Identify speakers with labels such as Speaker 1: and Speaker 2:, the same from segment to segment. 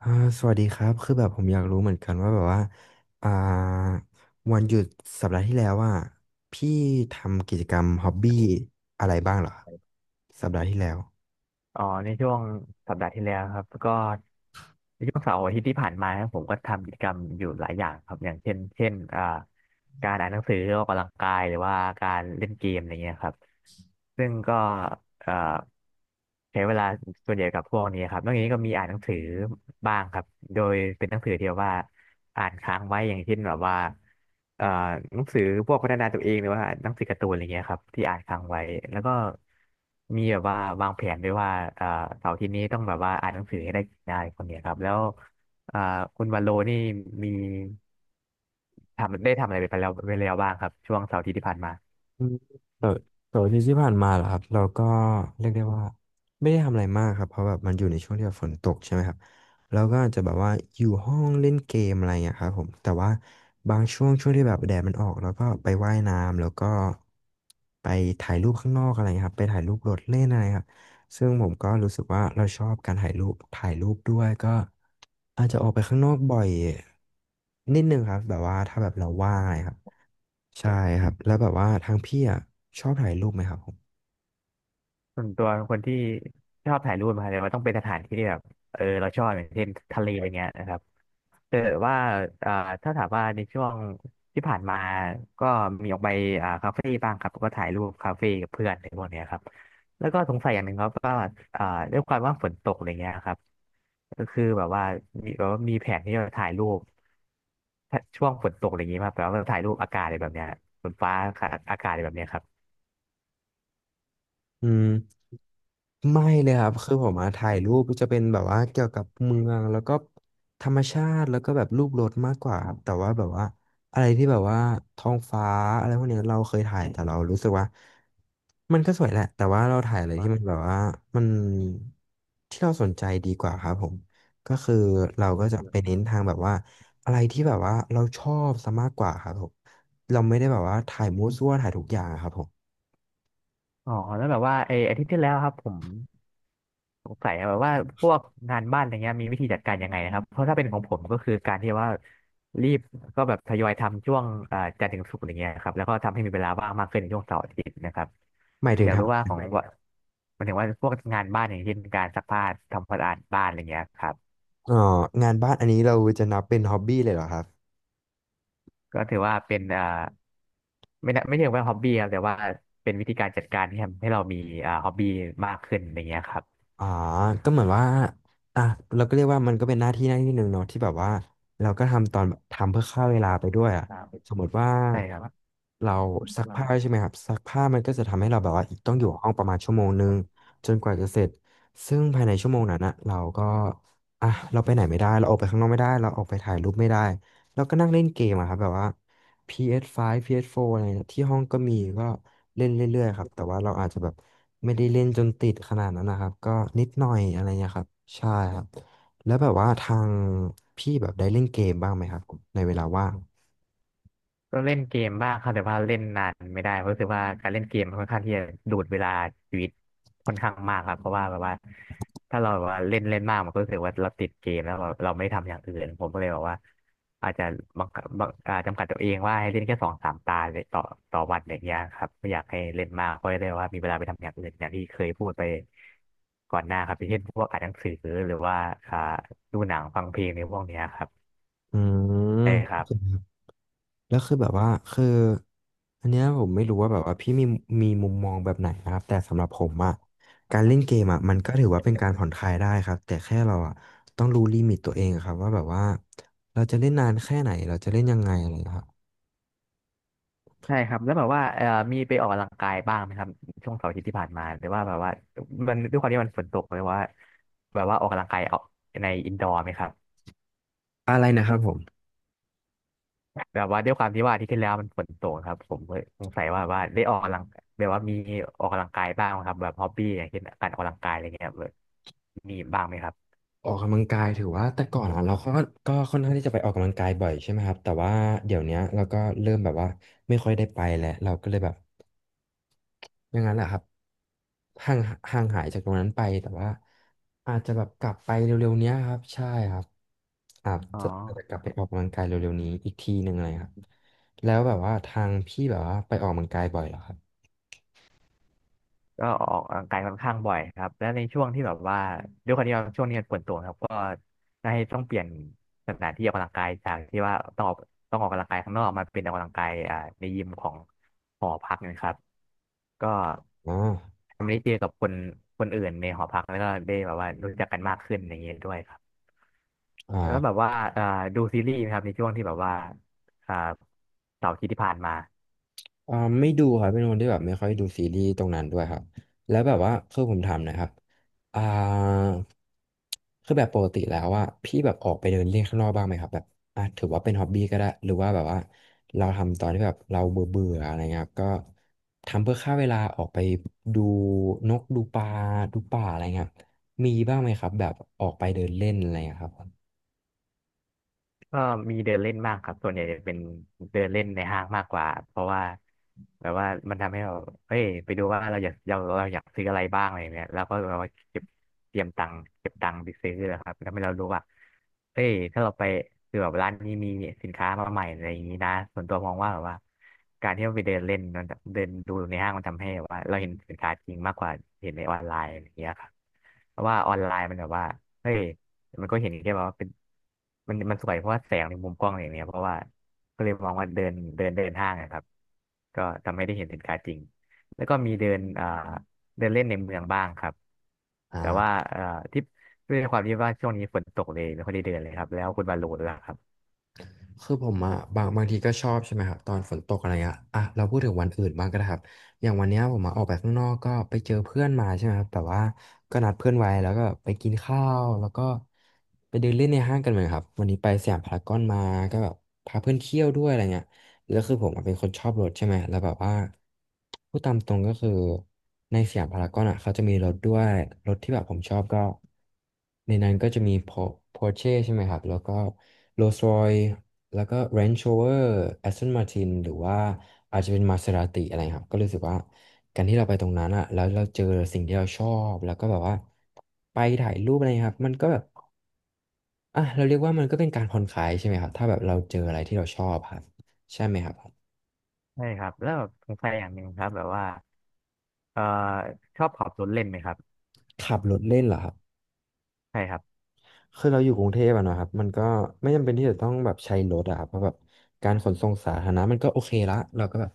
Speaker 1: อ่าสวัสดีครับคือแบบผมอยากรู้เหมือนกันว่าแบบว่าอ่าวันหยุดสัปดาห์ที่แล้วว่าพี่ทำกิจกรรมฮ็อบบี้อะไรบ้างเหรอสัปดาห์ที่แล้ว
Speaker 2: อ๋อในช่วงสัปดาห์ที่แล้วครับก็ในช่วงเสาร์อาทิตย์ที่ผ่านมาครับผมก็ทำกิจกรรมอยู่หลายอย่างครับอย่างเช่นเช่นการอ่านหนังสือออกกำลังกายหรือว่าการเล่นเกมอะไรเงี้ยครับซึ่งก็เอ่อใช้เวลาส่วนใหญ่กับพวกนี้ครับนอกจากนี้ก็มีอ่านหนังสือบ้างครับโดยเป็นหนังสือที่แบบว่าอ่านค้างไว้อย่างเช่นแบบว่าเอ่อหนังสือพวกพัฒนาตัวเองหรือว่าหนังสือการ์ตูนอะไรเงี้ยครับที่อ่านค้างไว้แล้วก็ มีแบบว่าวางแผนด้วยว่าเอ่อเสาร์อาทิตย์นี้ต้องแบบว่าอ่านหนังสือให้ได้ได้คนเนี้ยครับแล้วเอ่อคุณวันโลนี่มีทำอะไรไปแล้วบ้างครับช่วงเสาร์อาทิตย์ที่ผ่านมา
Speaker 1: อืมแต่แต่วันที่ที่ผ่านมาเหรอครับเราก็เรียกได้ว่าไม่ได้ทำอะไรมากครับเพราะแบบมันอยู่ในช่วงที่แบบฝนตกใช่ไหมครับเราก็อาจจะแบบว่าอยู่ห้องเล่นเกมอะไรอย่างเงี้ยครับผมแต่ว่าบางช่วงที่แบบแดดมันออกเราก็ไปว่ายน้ำแล้วก็ไปถ่ายรูปข้างนอกอะไรเงี้ยครับไปถ่ายรูปรถเล่นอะไรครับซึ่งผมก็รู้สึกว่าเราชอบการถ่ายรูปถ่ายรูปด้วยก็อาจจะออกไปข้างนอกบ่อยนิดนึงครับแบบว่าถ้าแบบเราว่างอะไรครับ ใช่ครับแล้วแบบว่าทางพี่อ่ะชอบถ่ายรูปไหมครับผม
Speaker 2: ส่วนตัวเป็นคนที่ชอบถ่ายรูปมาเลยว่าต้องเป็นสถานที่ที่แบบเออเราชอบอย่างเช่นทะเลอย่างเงี้ยนะครับ เออว่าถ้าถามว่าในช่วงที่ผ่านมา ก็มีออกไปคาเฟ่บ้างครับ ก็ถ่ายรูปคาเฟ่กับเพื่อนอะไรพวกเนี้ยครับแล้วก็สงสัยอย่างหนึ่งครับว่าอ่าด้วยความว่าฝนตกอะไรเงี้ยครับก็คือแบบว่ามีแผนที่จะถ่ายรูปถ้าช่วงฝนตกอะไรเงงี้ยมาแบบว่าถ่ายรูปอากาศอะไรแบบเนี้ยฝนฟ้าอากาศอะไรแบบเนี้ยครับ
Speaker 1: อืมไม่เลยครับคือผมมาถ่ายรูปจะเป็นแบบว่าเกี่ยวกับเมืองแล้วก็ธรรมชาติแล้วก็แบบรูปรถมากกว่าครับแต่ว่าแบบว่าอะไรที่แบบว่าท้องฟ้าอะไรพวกเนี้ยเราเคยถ่ายแต่เรารู้สึกว่ามันก็สวยแหละแต่ว่าเราถ่ายอะไรที่มันแบบว่ามันที่เราสนใจดีกว่าครับผมก็คือเราก็จะไปเน้นทางแบบว่าอะไรที่แบบว่าเราชอบซะมากกว่าครับผมเราไม่ได้แบบว่าถ่ายมั่วซั่วถ่ายทุกอย่างอะครับผม
Speaker 2: อ๋อแล้วแบบว่าไออาทิตย์ที่แล้วครับผม สงสัยอะแบบว่าพวกงานบ้านอะไรเงี้ยมีวิธีจัดการยังไงนะครับเพราะถ้าเป็นของผมก็คือการที่ว่ารีบก็แบบทยอยทำช่วงจันทร์ถึงศุกร์อะไรเงี้ยครับแล้วก็ทำให้มีเวลาว่างมากขึ้นในช่วงเสาร์อาทิตย์นะครับ
Speaker 1: หมายถึ
Speaker 2: อ
Speaker 1: ง
Speaker 2: ยากรู้ว่าขอ
Speaker 1: ทำ
Speaker 2: งใว่ามันถึงว่าพวกงานบ้านอย่างเช่นการซักผ้าทำความสะอาดบ้านอะไรเงี้ยครับ
Speaker 1: อ๋องานบ้านอันนี้เราจะนับเป็นฮ็อบบี้เลยเหรอครับ
Speaker 2: ก็ถือว่าเป็นไม่น่าไม่เรียกว่าฮ็อบบี้ครับแต่ว่าเป็นวิธีการจัดการที่ทำให้เรามีฮ็อบบี้มากขึ้นอะไรเงี้ยครับ
Speaker 1: อ๋อก็เหมือนว่าอ่ะเราก็เรียกว่ามันก็เป็นหน้าที่หน้าที่หนึ่งเนาะที่แบบว่าเราก็ทำตอนทำเพื่อฆ่าเวลาไปด้วยอ่ะ
Speaker 2: อ่าเป็น
Speaker 1: สมมติว่า
Speaker 2: ใช่ครับ
Speaker 1: เรา
Speaker 2: อ
Speaker 1: ซัก
Speaker 2: เรา
Speaker 1: ผ้าใช่ไหมครับซักผ้ามันก็จะทำให้เราแบบว่าต้องอยู่ห้องประมาณชั่วโมงนึงจนกว่าจะเสร็จซึ่งภายในชั่วโมงนั้นนะเราก็อ่ะเราไปไหนไม่ได้เราออกไปข้างนอกไม่ได้เราออกไปถ่ายรูปไม่ได้เราก็นั่งเล่นเกมอะครับแบบว่า PS5 PS4 อสไฟว์พีเอสโฟร์อะไรเนี่ยที่ห้องก็มีก็เล่นเรื่อยๆครับ แต่ว่าเราอาจจะแบบไม่ได้เล่นจนติดขนาดนั้นนะครับ ก็นิดหน่อยอะไรเงี้ยครับ ใช่ครับ แล้วแบบว่าทางพี่แบบได้เล่นเกมบ้างไหมครับ ในเวลาว่าง
Speaker 2: ก็เล่นเกมบ้างครับแต่ว่าเล่นนานไม่ได้เพราะรู้สึกว่าการเล่นเกมมันค่อนข้างที่จะดูดเวลาชีวิตค่อนข้างมากครับเพราะว่าแบบว่าถ้าเราแบบว่าเล่นเล่นมากมันก็รู้สึกว่าเราติดเกมแล้วเราไม่ได้ทำอย่างอื่นผมก็เลยบอกว่าอาจจะบังคับบังอ่าจำกัดตัวเองว่าให้เล่นแค่สองสามตาเลยต่อวันอย่างเงี้ยครับไม่อยากให้เล่นมากเพราะเลยว่ามีเวลาไปทำอย่างอื่นอย่างที่เคยพูดไปก่อนหน้าครับอย่างเช่นพวกอ่านหนังสือหรือว่าอ่าดูหนังฟังเพลงในพวกเนี้ยครับ
Speaker 1: อืม
Speaker 2: ใช่ครับ
Speaker 1: แล้วคือแบบว่าคืออันเนี้ยผมไม่รู้ว่าแบบว่าพี่มีมุมมองแบบไหนนะครับแต่สำหรับผมอะการเล่นเกมอะมันก็ถือว่าเป็นการผ่อนคลายได้ครับแต่แค่เราอะต้องรู้ลิมิตตัวเองครับว่าแบบว่าเราจะเล่นนานแค่ไหนเราจะเล่นยังไงอะไรครับ
Speaker 2: ใช่ครับแล้วแบบว่ามีไปออกกำลังกายบ้างไหมครับช่วงเสาร์อาทิตย์ที่ผ่านมาหรือว่าแบบว่ามันด้วยความที่มันฝนตกเลยว่าแบบว่าออกกำลังกายเอาในอินดอร์ไหมครับ
Speaker 1: อะไรนะครับผม
Speaker 2: แบบว่าด้วยความที่ว่าอาที่ที่แล้วมันฝนตกครับผมก็สงสัยว่าว่าได้ออกกำลังแบบว่ามีออกกำลังกายบ้างไหมครับแบบฮอบบี้อย่างเช่นการออกกำลังกายอะไรเงี้ยแบบมีบ้างไหมครับ
Speaker 1: ออกกำลังกายถือว่าแต่ก่อนอ่ะเราก็ก็ค่อนข้างที่จะไปออกกำลังกายบ่อยใช่ไหมครับแต่ว่าเดี๋ยวเนี้ยเราก็เริ่มแบบว่าไม่ค่อยได้ไปแล้วเราก็เลยแบบอย่างนั้นแหละครับห่างห่างหายจากตรงนั้นไปแต่ว่าอาจจะแบบกลับไปเร็วๆเนี้ยครับใช่ครับอาจ
Speaker 2: อ๋อ
Speaker 1: จะอาจจะกลับไปออกกำลังกายเร็วๆนี้อีกทีหนึ่งเลยครับแล้วแบบว่าทางพี่แบบว่าไปออกกำลังกายบ่อยเหรอครับ
Speaker 2: ก็ออกกำลังกายค่อนข้างบ่อยครับแล้วในช่วงที่แบบว่าด้วยความที่ว่าช่วงนี้มันฝนตกครับก็ได้ต้องเปลี่ยนสถานที่ออกกำลังกายจากที่ว่าต้องออกกำลังกายข้างนอกมาเป็นออกกำลังกายในยิมของหอพักนะครับก็
Speaker 1: อ๋อ
Speaker 2: ทำให้ได้เจอกับคนอื่นในหอพักแล้วก็ได้แบบว่ารู้จักกันมากขึ้นอย่างเงี้ยด้วยครับแล้
Speaker 1: อ่า
Speaker 2: วแบบว่าอ่าดูซีรีส์ไหมครับในช่วงที่แบบว่าอ่าเสาร์อาทิตย์ที่ผ่านมา
Speaker 1: อ่าไม่ดูครับเป็นคนที่แบบไม่ค่อยดูซีรีส์ตรงนั้นด้วยครับแล้วแบบว่าคือผมถามหนะครับอ่าคือแบบปกติแล้วว่าพี่แบบออกไปเดินเล่นข้างนอกบ้างไหมครับแบบอ่ะถือว่าเป็นฮ็อบบี้ก็ได้หรือว่าแบบว่าเราทำตอนที่แบบเราเบื่อเบื่ออะไรเงี้ยครับก็ทำเพื่อฆ่าเวลาออกไปดูนกดูปลาดูป่าอะไรเงี้ยครับมีบ้างไหมครับแบบออกไปเดินเล่นอะไรเงี้ยครับ
Speaker 2: ก็มีเดินเล่นบ้างครับส่วนใหญ่จะเป็นเดินเล่นในห้างมากกว่าเพราะว่าแบบว่ามันทำให้เราเอ้ยไปดูว่าเราอยากเราอยากซื้ออะไรบ้างอะไรเงี้ยแล้วก็เราเก็บเตรียมตังค์เก็บตังค์ไปซื้อนะครับแล้วให้เรารู้ว่าเอ้ยถ้าเราไปคือแบบร้านนี้มีสินค้ามาใหม่อะไรอย่างนี้นะส่วนตัวมองว่าแบบว่าการที่เราไปเดินเล่นมันเดินดูในห้างมันทำให้แบบว่าเราเห็นสินค้าจริงมากกว่าเห็นในออนไลน์อย่างเงี้ยครับเพราะว่าออนไลน์มันแบบว่าเฮ้ย มันก็เห็นแค่แบบว่าเป็นมันสวยเพราะว่าแสงในมุมกล้องอะไรอย่างเงี้ยเพราะว่าก็เลยมองว่าเดินเดินเดินห้างนะครับก็ทำให้ได้เห็นสินค้าจริงแล้วก็มีเดินเดินเล่นในเมืองบ้างครับแต่ว่า
Speaker 1: อ่า
Speaker 2: ที่ด้วยความที่ว่าช่วงนี้ฝนตกเลยไม่ค่อยได้เดินเลยครับแล้วคุณบาโลด้วยล่ะครับ
Speaker 1: คือผมอะบางทีก็ชอบใช่ไหมครับตอนฝนตกอะไรเงี้ยอ่ะเราพูดถึงวันอื่นบ้างก็ได้ครับอย่างวันเนี้ยผมมาออกไปข้างนอกก็ไปเจอเพื่อนมาใช่ไหมครับแต่ว่าก็นัดเพื่อนไว้แล้วก็ไปกินข้าวแล้วก็ไปเดินเล่นในห้างกันเหมือนครับวันนี้ไปสยามพารากอนมาก็แบบพาเพื่อนเที่ยวด้วยอะไรเงี้ยแล้วคือผมอะเป็นคนชอบรถใช่ไหมแล้วแบบว่าพูดตามตรงก็คือในสยามพารากอนอ่ะเขาจะมีรถด้วยรถที่แบบผมชอบก็ในนั้นก็จะมีพอ Porsche ใช่ไหมครับแล้วก็ Rolls Royce แล้วก็ Range Rover Aston Martin หรือว่าอาจจะเป็น Maserati อะไรครับ ก็รู้สึกว่าการที่เราไปตรงนั้นอะแล้วเราเจอสิ่งที่เราชอบ แล้วก็แบบว่าไปถ่ายรูปอะไรครับมันก็แบบเราเรียกว่ามันก็เป็นการผ่อนคลายใช่ไหมครับ ถ้าแบบเราเจออะไรที่เราชอบครับ ใช่ไหมครับ
Speaker 2: ใช่ครับแล้วสงสัยอย่างหนึ่งครับแบบว่าเอ่อชอบขับรถเล่นไหมครับ
Speaker 1: ขับรถเล่นเหรอครับ
Speaker 2: ใช่ครับ
Speaker 1: คือเราอยู่กรุงเทพอะเนาะครับมันก็ไม่จำเป็นที่จะต้องแบบใช้รถอะครับเพราะแบบการขนส่งสาธารณะมันก็โอเคละเราก็แบบ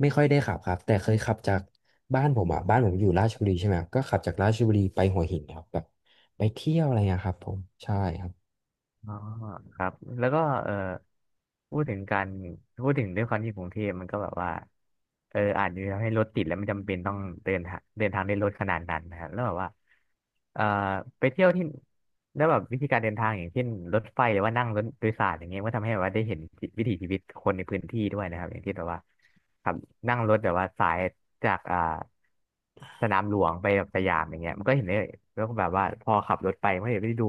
Speaker 1: ไม่ค่อยได้ขับครับแต่เคยขับจากบ้านผมอยู่ราชบุรีใช่ไหมครับก็ขับจากราชบุรีไปหัวหินครับแบบไปเที่ยวอะไรเงี้ยครับผมใช่ครับ
Speaker 2: อ๋อครับแล้วก็เออพูดถึงการพูดถึงด้วยความที่กรุงเทพมันก็แบบว่าเอออาจจะทำให้รถติดแล้วไม่จำเป็นต้องเดินทางด้วยรถขนาดนั้นนะฮะแล้วแบบว่าเอ่อไปเที่ยวที่แล้วแบบวิธีการเดินทางอย่างเช่นรถไฟหรือว่านั่งรถโดยสารอย่างเงี้ยก็ทำให้แบบว่าได้เห็นวิถีชีวิตคนในพื้นที่ด้วยนะครับอย่างที่แบบว่า ครับนั่งรถแบบว่าสายจากสนามหลวงไปแบบสยามอย่างเงี้ยมันก็เห็นได้แล้วก็แบบว่าพอขับรถไปมันก็เห็นได้ดู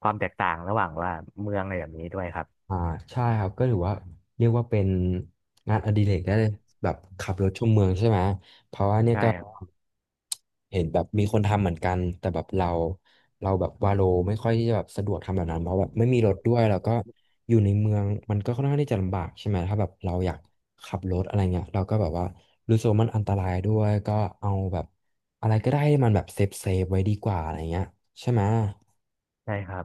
Speaker 2: ความแตกต่างระหว่างว่าเมืองอะไรแบบนี้ด้วยครับ
Speaker 1: อ่าใช่ครับก็ถือว่าเรียกว่าเป็นงานอดิเรกได้เลยแบบขับรถชมเมืองใช่ไหมเพราะว่าเนี่ย
Speaker 2: ใช่
Speaker 1: ก็
Speaker 2: ครับ
Speaker 1: เห็นแบบมีคนทำเหมือนกันแต่แบบเราแบบวาโลไม่ค่อยที่จะแบบสะดวกทำแบบนั้นเพราะแบบไม่มีรถด้วยแล้วก็อยู่ในเมืองมันก็ค่อนข้างที่จะลำบากใช่ไหมถ้าแบบเราอยากขับรถอะไรเงี้ยเราก็แบบว่ารู้สึกว่ามันอันตรายด้วยก็เอาแบบอะไรก็ได้ให้มันแบบเซฟเซฟไว้ดีกว่าอะไรเงี้ยใช่ไหม
Speaker 2: ใช่ครับ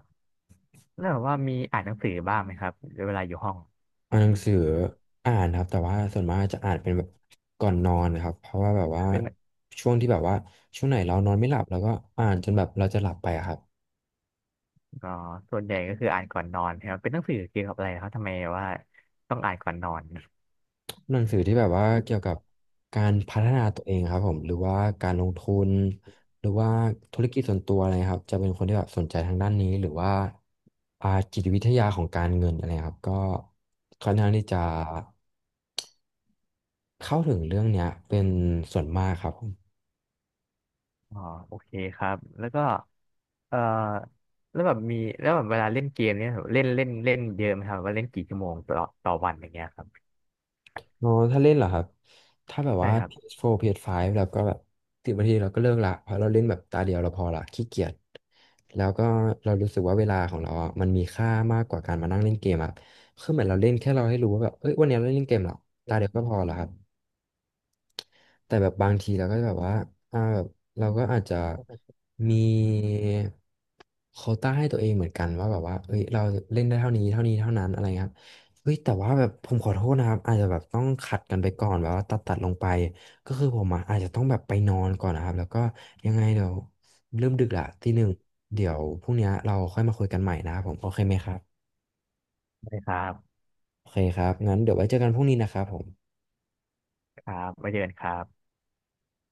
Speaker 2: แล้วแบบว่ามีอ่านหนังสือบ้างไหมครับเวลาอยู่ห้อง
Speaker 1: อ่านหนังสืออ่านครับแต่ว่าส่วนมากจะอ่านเป็นแบบก่อนนอนนะครับเพราะว่าแบบว่า
Speaker 2: เป็น
Speaker 1: ช่วงที่แบบว่าช่วงไหนเรานอนไม่หลับเราก็อ่านจนแบบเราจะหลับไปอะครับ
Speaker 2: อ๋อส่วนใหญ่ก็คืออ่านก่อนนอนครับเป็นหนังสือเกี่ยวกับอะไรครับทำไมว่าต้องอ่านก่อนนอน
Speaker 1: หนังสือที่แบบว่าเกี่ยวกับการพัฒนาตัวเองครับผมหรือว่าการลงทุนหรือว่าธุรกิจส่วนตัวอะไรครับจะเป็นคนที่แบบสนใจทางด้านนี้หรือว่าอ่าจิตวิทยาของการเงินอะไรครับก็ค่อนข้างที่จะเข้าถึงเรื่องเนี้ยเป็นส่วนมากครับ
Speaker 2: อ๋อโอเคครับแล้วก็เอ่อแล้วแบบมีแล้วแบบเวลาเล่นเกมเนี่ยเล่นเล่นเล่นเยอะไหมครับว่าเล่นกี่ชั่วโมงต่อวันอย่างเงี้ยครับ
Speaker 1: อ๋อถ้าเล่นเหรอครับ ถ้าแบบ
Speaker 2: ใช่
Speaker 1: ว่า
Speaker 2: ครับ
Speaker 1: PS4 PS5 แล้วก็แบบ10 นาทีเราก็เลิกละเพราะเราเล่นแบบตาเดียวเราพอละขี้เกียจแล้วก็เรารู้สึกว่าเวลาของเราอ่ะมันมีค่ามากกว่าการมานั่งเล่นเกมอะคือเหมือนเราเล่นแค่เราให้รู้ว่าแบบเอ้ยวันนี้เราเล่นเกมเหรอตาเดียวก็พอละครับ แต่แบบบางทีเราก็แบบว่าแบบเราก็อาจจะมีโควต้าให้ตัวเองเหมือนกันว่าแบบว่าเอ้ยเราเล่นได้เท่านี้เท่านั้นอะไรเงี้ยครับเฮ้ยแต่ว่าแบบผมขอโทษนะครับอาจจะแบบต้องขัดกันไปก่อนแบบว่าตัดลงไปก็คือผมอะอาจจะต้องแบบไปนอนก่อนนะครับแล้วก็ยังไงเดี๋ยวเริ่มดึกละทีหนึ่งเดี๋ยวพรุ่งนี้เราค่อยมาคุยกันใหม่นะครับผมโอเคไหมครับ
Speaker 2: ได้ครับ
Speaker 1: โอเคครับงั้นเดี๋ยวไว้เจอกันพรุ่งนี้นะครับผม
Speaker 2: ครับมาเจอกันครับ